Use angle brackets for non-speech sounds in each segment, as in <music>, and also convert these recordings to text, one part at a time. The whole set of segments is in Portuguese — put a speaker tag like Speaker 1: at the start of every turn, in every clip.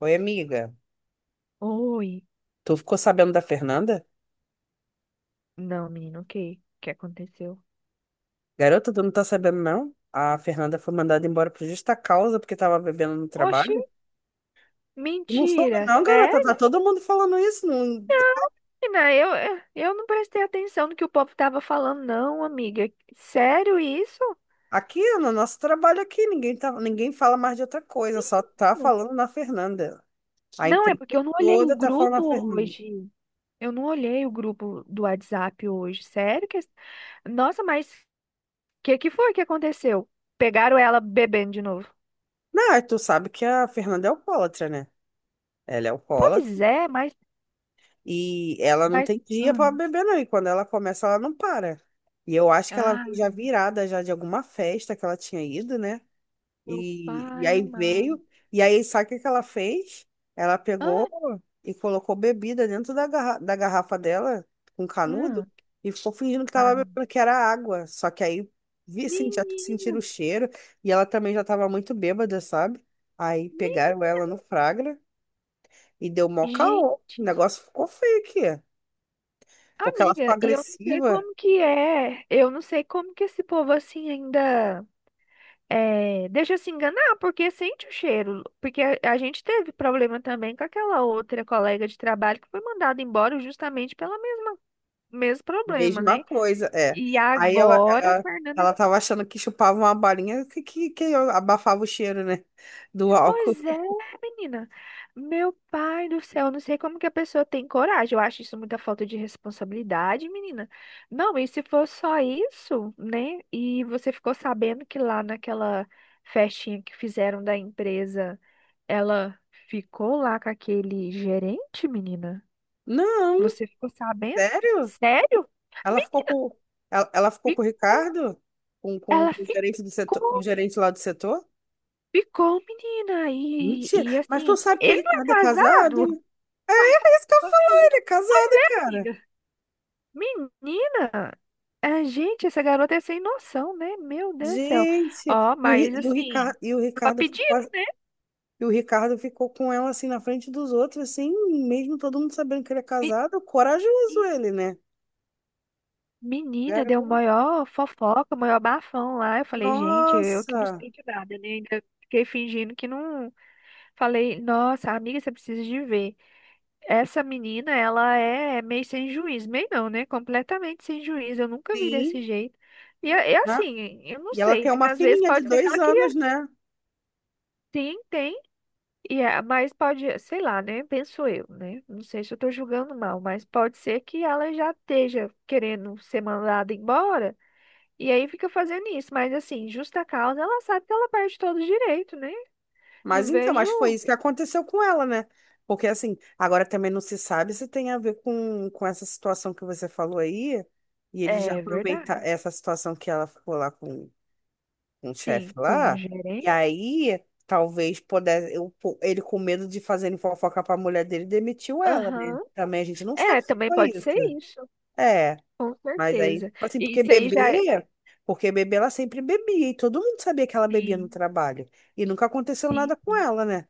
Speaker 1: Oi, amiga.
Speaker 2: Oi.
Speaker 1: Tu ficou sabendo da Fernanda?
Speaker 2: Não, menino, o que? O que aconteceu?
Speaker 1: Garota, tu não tá sabendo, não? A Fernanda foi mandada embora por justa causa porque tava bebendo no
Speaker 2: Oxi,
Speaker 1: trabalho. Tu não soube,
Speaker 2: mentira.
Speaker 1: não, garota. Tá
Speaker 2: Sério,
Speaker 1: todo mundo falando isso. Não.
Speaker 2: menina? Eu não prestei atenção no que o povo tava falando, não, amiga. Sério isso?
Speaker 1: Aqui, no nosso trabalho aqui, ninguém tá ninguém fala mais de outra coisa. Só tá
Speaker 2: Menina.
Speaker 1: falando na Fernanda. A
Speaker 2: Não, é
Speaker 1: empresa
Speaker 2: porque eu não olhei o
Speaker 1: toda tá falando na
Speaker 2: grupo
Speaker 1: Fernanda.
Speaker 2: hoje. Eu não olhei o grupo do WhatsApp hoje. Sério que... Nossa, mas o que que foi que aconteceu? Pegaram ela bebendo de novo.
Speaker 1: Não, tu sabe que a Fernanda é alcoólatra, né? Ela é alcoólatra.
Speaker 2: Pois é, mas,
Speaker 1: E ela não
Speaker 2: mas...
Speaker 1: tem dia para
Speaker 2: hum.
Speaker 1: beber, não. E quando ela começa, ela não para. E eu acho que ela
Speaker 2: Ah,
Speaker 1: veio já virada já de alguma festa que ela tinha ido, né?
Speaker 2: meu
Speaker 1: E
Speaker 2: pai
Speaker 1: aí
Speaker 2: amado.
Speaker 1: veio. E aí, sabe o que que ela fez? Ela pegou
Speaker 2: Ah,
Speaker 1: e colocou bebida dentro da garrafa dela, com canudo,
Speaker 2: hum.
Speaker 1: e ficou fingindo que
Speaker 2: Ah,
Speaker 1: tava
Speaker 2: menina.
Speaker 1: bebendo, que era água. Só que aí vi, senti,
Speaker 2: Menina,
Speaker 1: sentiram o cheiro. E ela também já tava muito bêbada, sabe? Aí
Speaker 2: men-
Speaker 1: pegaram ela no Fragra e deu mó
Speaker 2: gente,
Speaker 1: caô. O negócio ficou feio aqui. Porque ela ficou
Speaker 2: amiga, e eu não sei
Speaker 1: agressiva,
Speaker 2: como que é, eu não sei como que esse povo assim ainda é, deixa se enganar, porque sente o cheiro, porque a gente teve problema também com aquela outra colega de trabalho que foi mandada embora justamente pelo mesmo problema,
Speaker 1: mesma
Speaker 2: né?
Speaker 1: coisa, é.
Speaker 2: E
Speaker 1: Aí ela,
Speaker 2: agora, a
Speaker 1: ela,
Speaker 2: Fernanda.
Speaker 1: ela tava achando que chupava uma balinha que eu abafava o cheiro, né? Do álcool.
Speaker 2: Pois é, menina. Meu pai do céu, eu não sei como que a pessoa tem coragem. Eu acho isso muita falta de responsabilidade, menina. Não, e se for só isso, né? E você ficou sabendo que lá naquela festinha que fizeram da empresa, ela ficou lá com aquele gerente, menina?
Speaker 1: Não,
Speaker 2: Você ficou sabendo?
Speaker 1: sério?
Speaker 2: Sério?
Speaker 1: Ela
Speaker 2: Me
Speaker 1: ficou com, ela ficou com o
Speaker 2: ficou.
Speaker 1: Ricardo? Com, com,
Speaker 2: Ela
Speaker 1: o gerente do setor, com o
Speaker 2: ficou,
Speaker 1: gerente lá do setor?
Speaker 2: ficou, menina.
Speaker 1: Mentira.
Speaker 2: E
Speaker 1: Mas tu
Speaker 2: assim,
Speaker 1: sabe que o
Speaker 2: ele não é
Speaker 1: Ricardo é casado,
Speaker 2: casado?
Speaker 1: hein?
Speaker 2: <laughs> Uai,
Speaker 1: É isso que eu
Speaker 2: mas,
Speaker 1: falo, ele é casado, cara.
Speaker 2: amiga, menina, a gente, essa garota é sem noção, né? Meu Deus do céu.
Speaker 1: Gente,
Speaker 2: Ó,
Speaker 1: e o, Ri-
Speaker 2: mas
Speaker 1: e o
Speaker 2: assim,
Speaker 1: Ricardo, e o
Speaker 2: tava
Speaker 1: Ricardo.
Speaker 2: pedindo, né?
Speaker 1: E o Ricardo ficou com ela assim na frente dos outros, assim, mesmo todo mundo sabendo que ele é
Speaker 2: Me-
Speaker 1: casado, corajoso ele, né?
Speaker 2: Menina, deu
Speaker 1: Garoto.
Speaker 2: maior fofoca, maior bafão lá. Eu falei, gente, eu que não
Speaker 1: Nossa!
Speaker 2: sei de nada, né? Ainda fiquei fingindo que não. Falei, nossa, amiga, você precisa de ver. Essa menina, ela é meio sem juízo, meio não, né? Completamente sem juízo. Eu nunca vi
Speaker 1: Sim,
Speaker 2: desse jeito. E
Speaker 1: né?
Speaker 2: assim, eu não
Speaker 1: E ela
Speaker 2: sei,
Speaker 1: tem
Speaker 2: né?
Speaker 1: uma
Speaker 2: Às vezes
Speaker 1: filhinha de
Speaker 2: pode ser que
Speaker 1: dois
Speaker 2: ela
Speaker 1: anos,
Speaker 2: queria.
Speaker 1: né?
Speaker 2: Sim, tem. E é, mas pode, sei lá, né? Penso eu, né? Não sei se eu tô julgando mal, mas pode ser que ela já esteja querendo ser mandada embora e aí fica fazendo isso. Mas assim, justa causa, ela sabe que ela perde todo o direito, né?
Speaker 1: Mas
Speaker 2: Não
Speaker 1: então,
Speaker 2: vejo.
Speaker 1: mas foi isso que aconteceu com ela, né? Porque assim, agora também não se sabe se tem a ver com essa situação que você falou aí, e ele já
Speaker 2: É
Speaker 1: aproveita
Speaker 2: verdade.
Speaker 1: essa situação que ela ficou lá com um chefe
Speaker 2: Sim, com um
Speaker 1: lá, e
Speaker 2: gerente.
Speaker 1: aí talvez pudesse, eu ele com medo de fazer fofoca pra mulher dele, demitiu ela, né?
Speaker 2: Aham.
Speaker 1: Também a gente não sabe
Speaker 2: É,
Speaker 1: se
Speaker 2: também
Speaker 1: foi
Speaker 2: pode
Speaker 1: isso.
Speaker 2: ser isso,
Speaker 1: É,
Speaker 2: com
Speaker 1: mas aí,
Speaker 2: certeza.
Speaker 1: assim,
Speaker 2: E isso aí já é.
Speaker 1: porque bebê ela sempre bebia, e todo mundo sabia que ela bebia no
Speaker 2: Sim,
Speaker 1: trabalho, e nunca aconteceu
Speaker 2: sim,
Speaker 1: nada com
Speaker 2: sim.
Speaker 1: ela, né?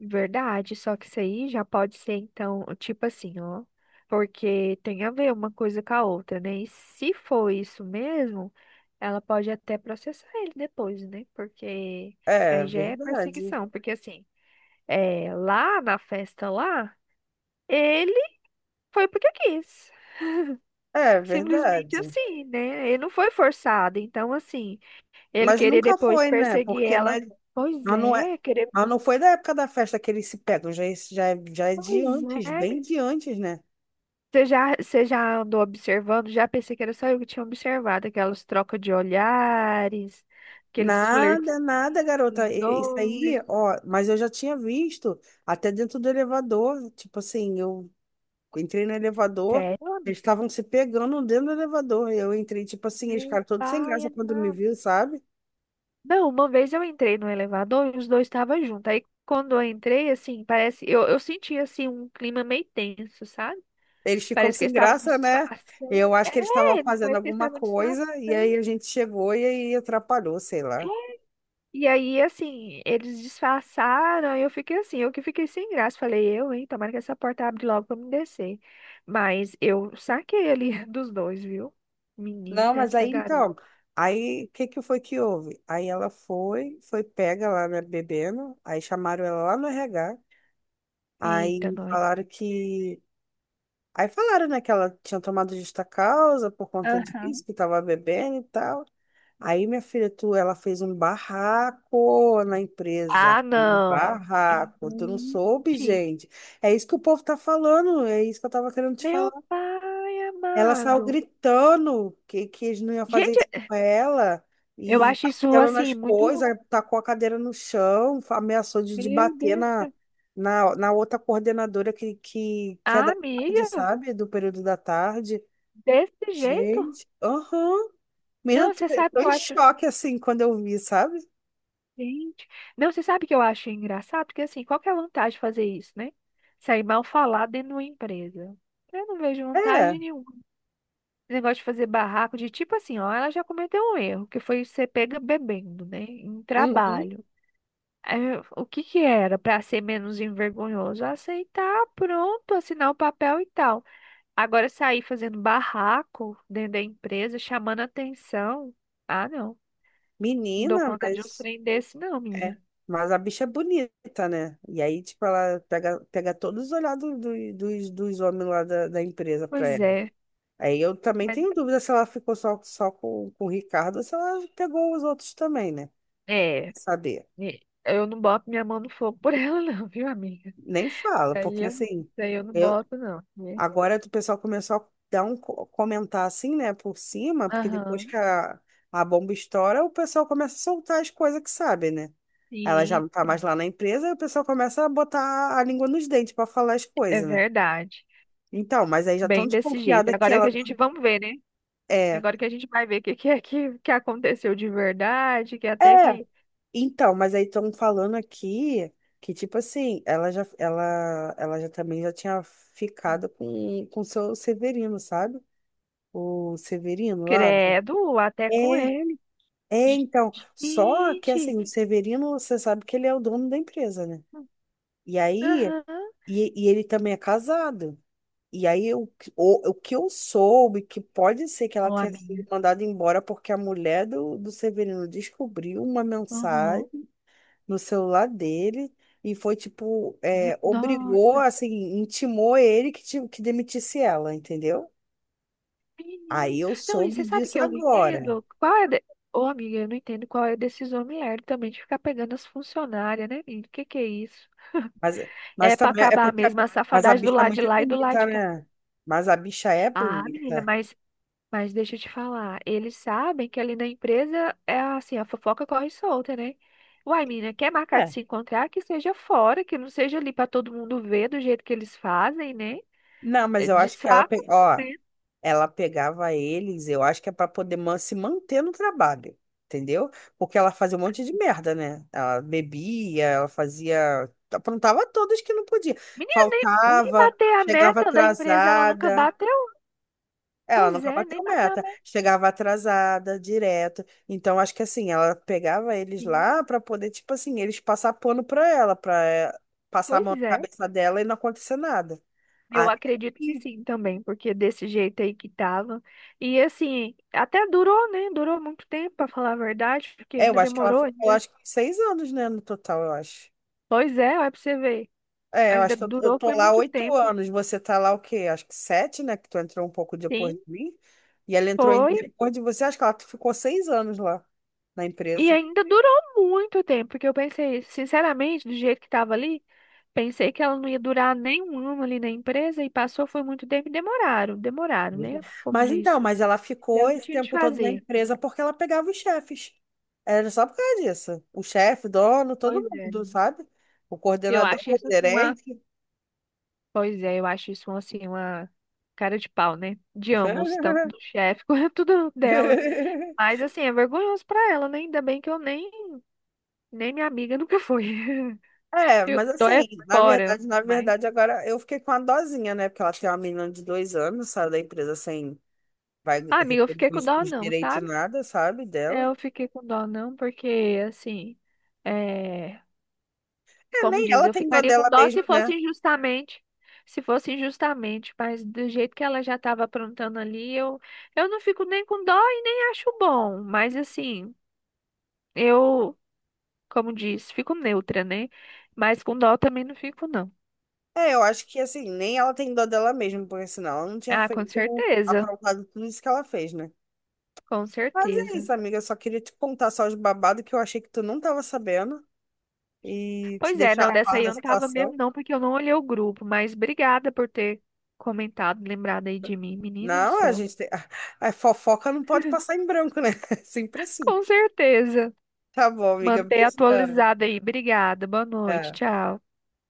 Speaker 2: Verdade, só que isso aí já pode ser, então, tipo assim, ó. Porque tem a ver uma coisa com a outra, né? E se for isso mesmo, ela pode até processar ele depois, né? Porque
Speaker 1: É
Speaker 2: aí já é
Speaker 1: verdade,
Speaker 2: perseguição. Porque assim, é, lá na festa lá, ele foi porque quis.
Speaker 1: é
Speaker 2: Simplesmente
Speaker 1: verdade.
Speaker 2: assim, né? Ele não foi forçado. Então, assim, ele
Speaker 1: Mas
Speaker 2: querer
Speaker 1: nunca
Speaker 2: depois
Speaker 1: foi, né?
Speaker 2: perseguir
Speaker 1: Porque não
Speaker 2: ela.
Speaker 1: é,
Speaker 2: Pois
Speaker 1: mas não é,
Speaker 2: é, querer.
Speaker 1: mas não foi da época da festa que eles se pegam, já, é- já, é- já é de
Speaker 2: Pois
Speaker 1: antes,
Speaker 2: é,
Speaker 1: bem de antes, né?
Speaker 2: você já, você já andou observando? Já pensei que era só eu que tinha observado aquelas trocas de olhares, aqueles flertes
Speaker 1: Nada, nada, garota. E- Isso
Speaker 2: dois.
Speaker 1: aí, ó, mas eu já tinha visto até dentro do elevador. Tipo assim, eu entrei no elevador,
Speaker 2: Sério,
Speaker 1: eles
Speaker 2: amiga?
Speaker 1: estavam se pegando dentro do elevador. E eu entrei, tipo assim, eles
Speaker 2: Meu
Speaker 1: ficaram todos sem
Speaker 2: pai
Speaker 1: graça quando me
Speaker 2: amado.
Speaker 1: viu, sabe?
Speaker 2: Não, uma vez eu entrei no elevador e os dois estavam juntos. Aí quando eu entrei, assim, parece. Eu senti, assim, um clima meio tenso, sabe?
Speaker 1: Eles ficam
Speaker 2: Parece que
Speaker 1: sem
Speaker 2: eles estavam
Speaker 1: graça, né?
Speaker 2: disfarçando.
Speaker 1: Eu acho que eles estavam
Speaker 2: É,
Speaker 1: fazendo
Speaker 2: parece que eles
Speaker 1: alguma
Speaker 2: estavam
Speaker 1: coisa, e aí
Speaker 2: disfarçando.
Speaker 1: a gente chegou e aí atrapalhou, sei lá.
Speaker 2: E aí, assim, eles disfarçaram, e eu fiquei assim, eu que fiquei sem graça. Falei, eu, hein, tomara que essa porta abre logo pra eu me descer. Mas eu saquei ali <laughs> dos dois, viu?
Speaker 1: Não,
Speaker 2: Menina,
Speaker 1: mas
Speaker 2: essa
Speaker 1: aí então,
Speaker 2: garota.
Speaker 1: aí o que que foi que houve? Aí ela foi, foi pega lá, né, bebendo, aí chamaram ela lá no RH.
Speaker 2: Eita,
Speaker 1: Aí
Speaker 2: nós.
Speaker 1: falaram que. Aí falaram, né, que ela tinha tomado justa causa por conta disso,
Speaker 2: Aham.
Speaker 1: que tava bebendo e tal. Aí, minha filha, tu, ela fez um barraco na empresa.
Speaker 2: Ah,
Speaker 1: Um
Speaker 2: não.
Speaker 1: barraco. Tu não soube,
Speaker 2: Gente,
Speaker 1: gente. É isso que o povo tá falando. É isso que eu tava querendo te falar.
Speaker 2: meu pai
Speaker 1: Ela saiu
Speaker 2: amado.
Speaker 1: gritando que eles não iam fazer
Speaker 2: Gente,
Speaker 1: isso com ela
Speaker 2: eu
Speaker 1: e
Speaker 2: acho isso
Speaker 1: batendo nas
Speaker 2: assim
Speaker 1: coisas,
Speaker 2: muito.
Speaker 1: aí tacou a cadeira no chão, fa- ameaçou de
Speaker 2: Meu
Speaker 1: bater
Speaker 2: Deus.
Speaker 1: na, na outra coordenadora que é
Speaker 2: Ah,
Speaker 1: da tarde,
Speaker 2: amiga,
Speaker 1: sabe? Do período da tarde.
Speaker 2: desse jeito?
Speaker 1: Gente, aham. Menina,
Speaker 2: Não,
Speaker 1: tô,
Speaker 2: você sabe
Speaker 1: tô
Speaker 2: que eu
Speaker 1: em
Speaker 2: acho.
Speaker 1: choque assim quando eu vi, sabe?
Speaker 2: Gente. Não, você sabe que eu acho engraçado? Porque assim, qual que é a vantagem de fazer isso, né? Sair mal falado dentro de uma empresa. Eu não vejo vantagem
Speaker 1: É,
Speaker 2: nenhuma. Esse negócio de fazer barraco, de tipo assim, ó, ela já cometeu um erro, que foi você pega bebendo, né? Em
Speaker 1: uhum.
Speaker 2: trabalho. Aí, o que que era para ser menos envergonhoso? Aceitar, pronto, assinar o papel e tal. Agora sair fazendo barraco dentro da empresa, chamando atenção. Ah, não. Não dou
Speaker 1: Menina,
Speaker 2: conta de um
Speaker 1: mas.
Speaker 2: trem desse, não,
Speaker 1: É,
Speaker 2: menina.
Speaker 1: mas a bicha é bonita, né? E aí, tipo, ela pega, pega todos os olhados do- dos, dos homens lá da, da empresa pra
Speaker 2: Pois
Speaker 1: ela.
Speaker 2: é.
Speaker 1: Aí eu também tenho dúvida se ela ficou só, só com o Ricardo ou se ela pegou os outros também, né? Tem
Speaker 2: É,
Speaker 1: que saber.
Speaker 2: e eu não boto minha mão no fogo por <laughs> ela, não, viu, amiga?
Speaker 1: Nem fala,
Speaker 2: Isso aí
Speaker 1: porque
Speaker 2: eu, isso
Speaker 1: assim,
Speaker 2: aí eu não
Speaker 1: eu,
Speaker 2: boto, não, né?
Speaker 1: agora o pessoal começou a dar um, co- comentar assim, né, por cima, porque depois
Speaker 2: Aham,
Speaker 1: que a bomba estoura, o pessoal começa a soltar as coisas que sabe, né? Ela já
Speaker 2: sim,
Speaker 1: não tá mais
Speaker 2: sim,
Speaker 1: lá na empresa, e o pessoal começa a botar a língua nos dentes para falar as
Speaker 2: é
Speaker 1: coisas, né?
Speaker 2: verdade.
Speaker 1: Então, mas aí já estão
Speaker 2: Bem desse jeito.
Speaker 1: desconfiada que
Speaker 2: Agora que
Speaker 1: ela
Speaker 2: a gente, vamos ver, né?
Speaker 1: é.
Speaker 2: Agora que a gente vai ver o que, que é que aconteceu de verdade, que até
Speaker 1: É.
Speaker 2: que,
Speaker 1: Então, mas aí estão falando aqui que, tipo assim, ela já, ela já também já tinha ficado com o seu Severino, sabe? O Severino lá.
Speaker 2: credo, até com
Speaker 1: É,
Speaker 2: ele.
Speaker 1: é, então. Só que
Speaker 2: Gente,
Speaker 1: assim, o Severino, você sabe que ele é o dono da empresa, né? E aí,
Speaker 2: aham,
Speaker 1: e ele também é casado. E aí, o que eu soube, é que pode ser que ela
Speaker 2: ó,
Speaker 1: tenha sido
Speaker 2: amiga.
Speaker 1: mandada embora porque a mulher do Severino descobriu uma
Speaker 2: Uhum.
Speaker 1: mensagem no celular dele e foi, tipo,
Speaker 2: É,
Speaker 1: é, obrigou,
Speaker 2: nossa.
Speaker 1: assim, intimou ele que, ti- que demitisse ela, entendeu? Aí
Speaker 2: Menino.
Speaker 1: eu
Speaker 2: Não, e
Speaker 1: soube
Speaker 2: você sabe que
Speaker 1: disso
Speaker 2: eu não
Speaker 1: agora.
Speaker 2: entendo? Qual é. De... Ô, amiga, eu não entendo qual é a decisão mulher também de ficar pegando as funcionárias, né, menino? O que que é isso?
Speaker 1: Mas, mas
Speaker 2: É pra
Speaker 1: também é
Speaker 2: acabar
Speaker 1: porque a,
Speaker 2: mesmo a
Speaker 1: mas a
Speaker 2: safadagem do
Speaker 1: bicha é
Speaker 2: lado de
Speaker 1: muito
Speaker 2: lá e do lado
Speaker 1: bonita,
Speaker 2: de cá.
Speaker 1: né? Mas a bicha é
Speaker 2: Ah, menina,
Speaker 1: bonita.
Speaker 2: mas deixa eu te falar. Eles sabem que ali na empresa é assim, a fofoca corre solta, né? Uai, menina, quer marcar de
Speaker 1: É.
Speaker 2: se encontrar? Que seja fora, que não seja ali pra todo mundo ver do jeito que eles fazem, né?
Speaker 1: Não, mas
Speaker 2: É
Speaker 1: eu
Speaker 2: de
Speaker 1: acho que ela
Speaker 2: saco,
Speaker 1: pegou.
Speaker 2: né?
Speaker 1: Ela pegava eles, eu acho que é para poder man- se manter no trabalho, entendeu? Porque ela fazia um monte de merda, né? Ela bebia, ela fazia, aprontava todas que não podia.
Speaker 2: Menina, nem
Speaker 1: Faltava,
Speaker 2: bater a
Speaker 1: chegava
Speaker 2: meta da empresa, ela nunca
Speaker 1: atrasada.
Speaker 2: bateu.
Speaker 1: Ela
Speaker 2: Pois
Speaker 1: nunca
Speaker 2: é, nem
Speaker 1: bateu
Speaker 2: bateu a
Speaker 1: meta, chegava atrasada, direto. Então, acho que assim, ela pegava eles
Speaker 2: metinha.
Speaker 1: lá para poder, tipo assim, eles passar pano para ela, para passar a
Speaker 2: Pois
Speaker 1: mão na
Speaker 2: é,
Speaker 1: cabeça dela e não acontecer nada.
Speaker 2: eu
Speaker 1: Até
Speaker 2: acredito que
Speaker 1: que
Speaker 2: sim também, porque desse jeito aí que tava. E assim, até durou, né? Durou muito tempo, pra falar a verdade, porque
Speaker 1: é, eu
Speaker 2: ainda
Speaker 1: acho que ela
Speaker 2: demorou
Speaker 1: ficou lá,
Speaker 2: ainda.
Speaker 1: acho que uns 6 anos, né, no total, eu acho.
Speaker 2: Pois é, olha pra você ver.
Speaker 1: É, eu
Speaker 2: Ainda
Speaker 1: acho que eu
Speaker 2: durou,
Speaker 1: tô
Speaker 2: foi
Speaker 1: lá
Speaker 2: muito
Speaker 1: oito
Speaker 2: tempo.
Speaker 1: anos, você tá lá o quê? Acho que sete, né, que tu entrou um pouco depois
Speaker 2: Sim,
Speaker 1: de mim, e ela entrou em-
Speaker 2: foi.
Speaker 1: depois de você, acho que ela ficou 6 anos lá na
Speaker 2: E
Speaker 1: empresa.
Speaker 2: ainda durou muito tempo, porque eu pensei, sinceramente, do jeito que tava ali, pensei que ela não ia durar nem 1 ano ali na empresa, e passou, foi muito tempo e demoraram, demoraram, né? Como
Speaker 1: Mas então,
Speaker 2: diz.
Speaker 1: mas ela ficou
Speaker 2: Fizeram o que
Speaker 1: esse
Speaker 2: tinha de
Speaker 1: tempo todo na
Speaker 2: fazer.
Speaker 1: empresa porque ela pegava os chefes. Era só por causa disso. O chefe, dono, todo
Speaker 2: Pois
Speaker 1: mundo,
Speaker 2: é.
Speaker 1: sabe? O
Speaker 2: Eu
Speaker 1: coordenador,
Speaker 2: acho
Speaker 1: o
Speaker 2: isso assim uma.
Speaker 1: gerente.
Speaker 2: Pois é, eu acho isso assim uma cara de pau, né? De ambos, tanto do chefe <laughs> quanto dela.
Speaker 1: <laughs>
Speaker 2: Mas assim, é vergonhoso pra ela, né? Ainda bem que eu nem, nem minha amiga nunca foi. <laughs>
Speaker 1: É,
Speaker 2: Eu
Speaker 1: mas
Speaker 2: tô é
Speaker 1: assim,
Speaker 2: fora.
Speaker 1: na
Speaker 2: Mas,
Speaker 1: verdade, agora eu fiquei com a dosinha, né? Porque ela tem uma menina de 2 anos, saiu da empresa sem, vai
Speaker 2: ah, amiga, eu
Speaker 1: receber
Speaker 2: fiquei com dó
Speaker 1: os
Speaker 2: não,
Speaker 1: direitos
Speaker 2: sabe?
Speaker 1: nada, sabe,
Speaker 2: É,
Speaker 1: dela.
Speaker 2: eu fiquei com dó não, porque assim. eh,
Speaker 1: É,
Speaker 2: Como
Speaker 1: nem
Speaker 2: diz,
Speaker 1: ela
Speaker 2: eu
Speaker 1: tem dó
Speaker 2: ficaria com
Speaker 1: dela
Speaker 2: dó
Speaker 1: mesmo,
Speaker 2: se fosse
Speaker 1: né?
Speaker 2: injustamente. Se fosse injustamente, mas do jeito que ela já estava aprontando ali, eu não fico nem com dó e nem acho bom. Mas assim, eu, como diz, fico neutra, né? Mas com dó também não fico, não.
Speaker 1: É, eu acho que assim, nem ela tem dó dela mesmo, porque senão ela não tinha
Speaker 2: Ah, com
Speaker 1: feito,
Speaker 2: certeza.
Speaker 1: aprovado tudo isso que ela fez, né?
Speaker 2: Com
Speaker 1: Mas é
Speaker 2: certeza.
Speaker 1: isso, amiga, eu só queria te contar só os babados que eu achei que tu não tava sabendo e te
Speaker 2: Pois é,
Speaker 1: deixar
Speaker 2: não,
Speaker 1: a
Speaker 2: dessa
Speaker 1: par
Speaker 2: aí
Speaker 1: da
Speaker 2: eu não tava
Speaker 1: situação.
Speaker 2: mesmo, não, porque eu não olhei o grupo, mas obrigada por ter comentado, lembrado aí de mim, menina do
Speaker 1: Não, a
Speaker 2: céu.
Speaker 1: gente tem <laughs> a fofoca não pode passar em branco, né? <laughs> Sempre assim.
Speaker 2: Com certeza.
Speaker 1: Tá bom, amiga.
Speaker 2: Manter
Speaker 1: Beijão.
Speaker 2: atualizado aí. Obrigada. Boa noite.
Speaker 1: Tá.
Speaker 2: Tchau.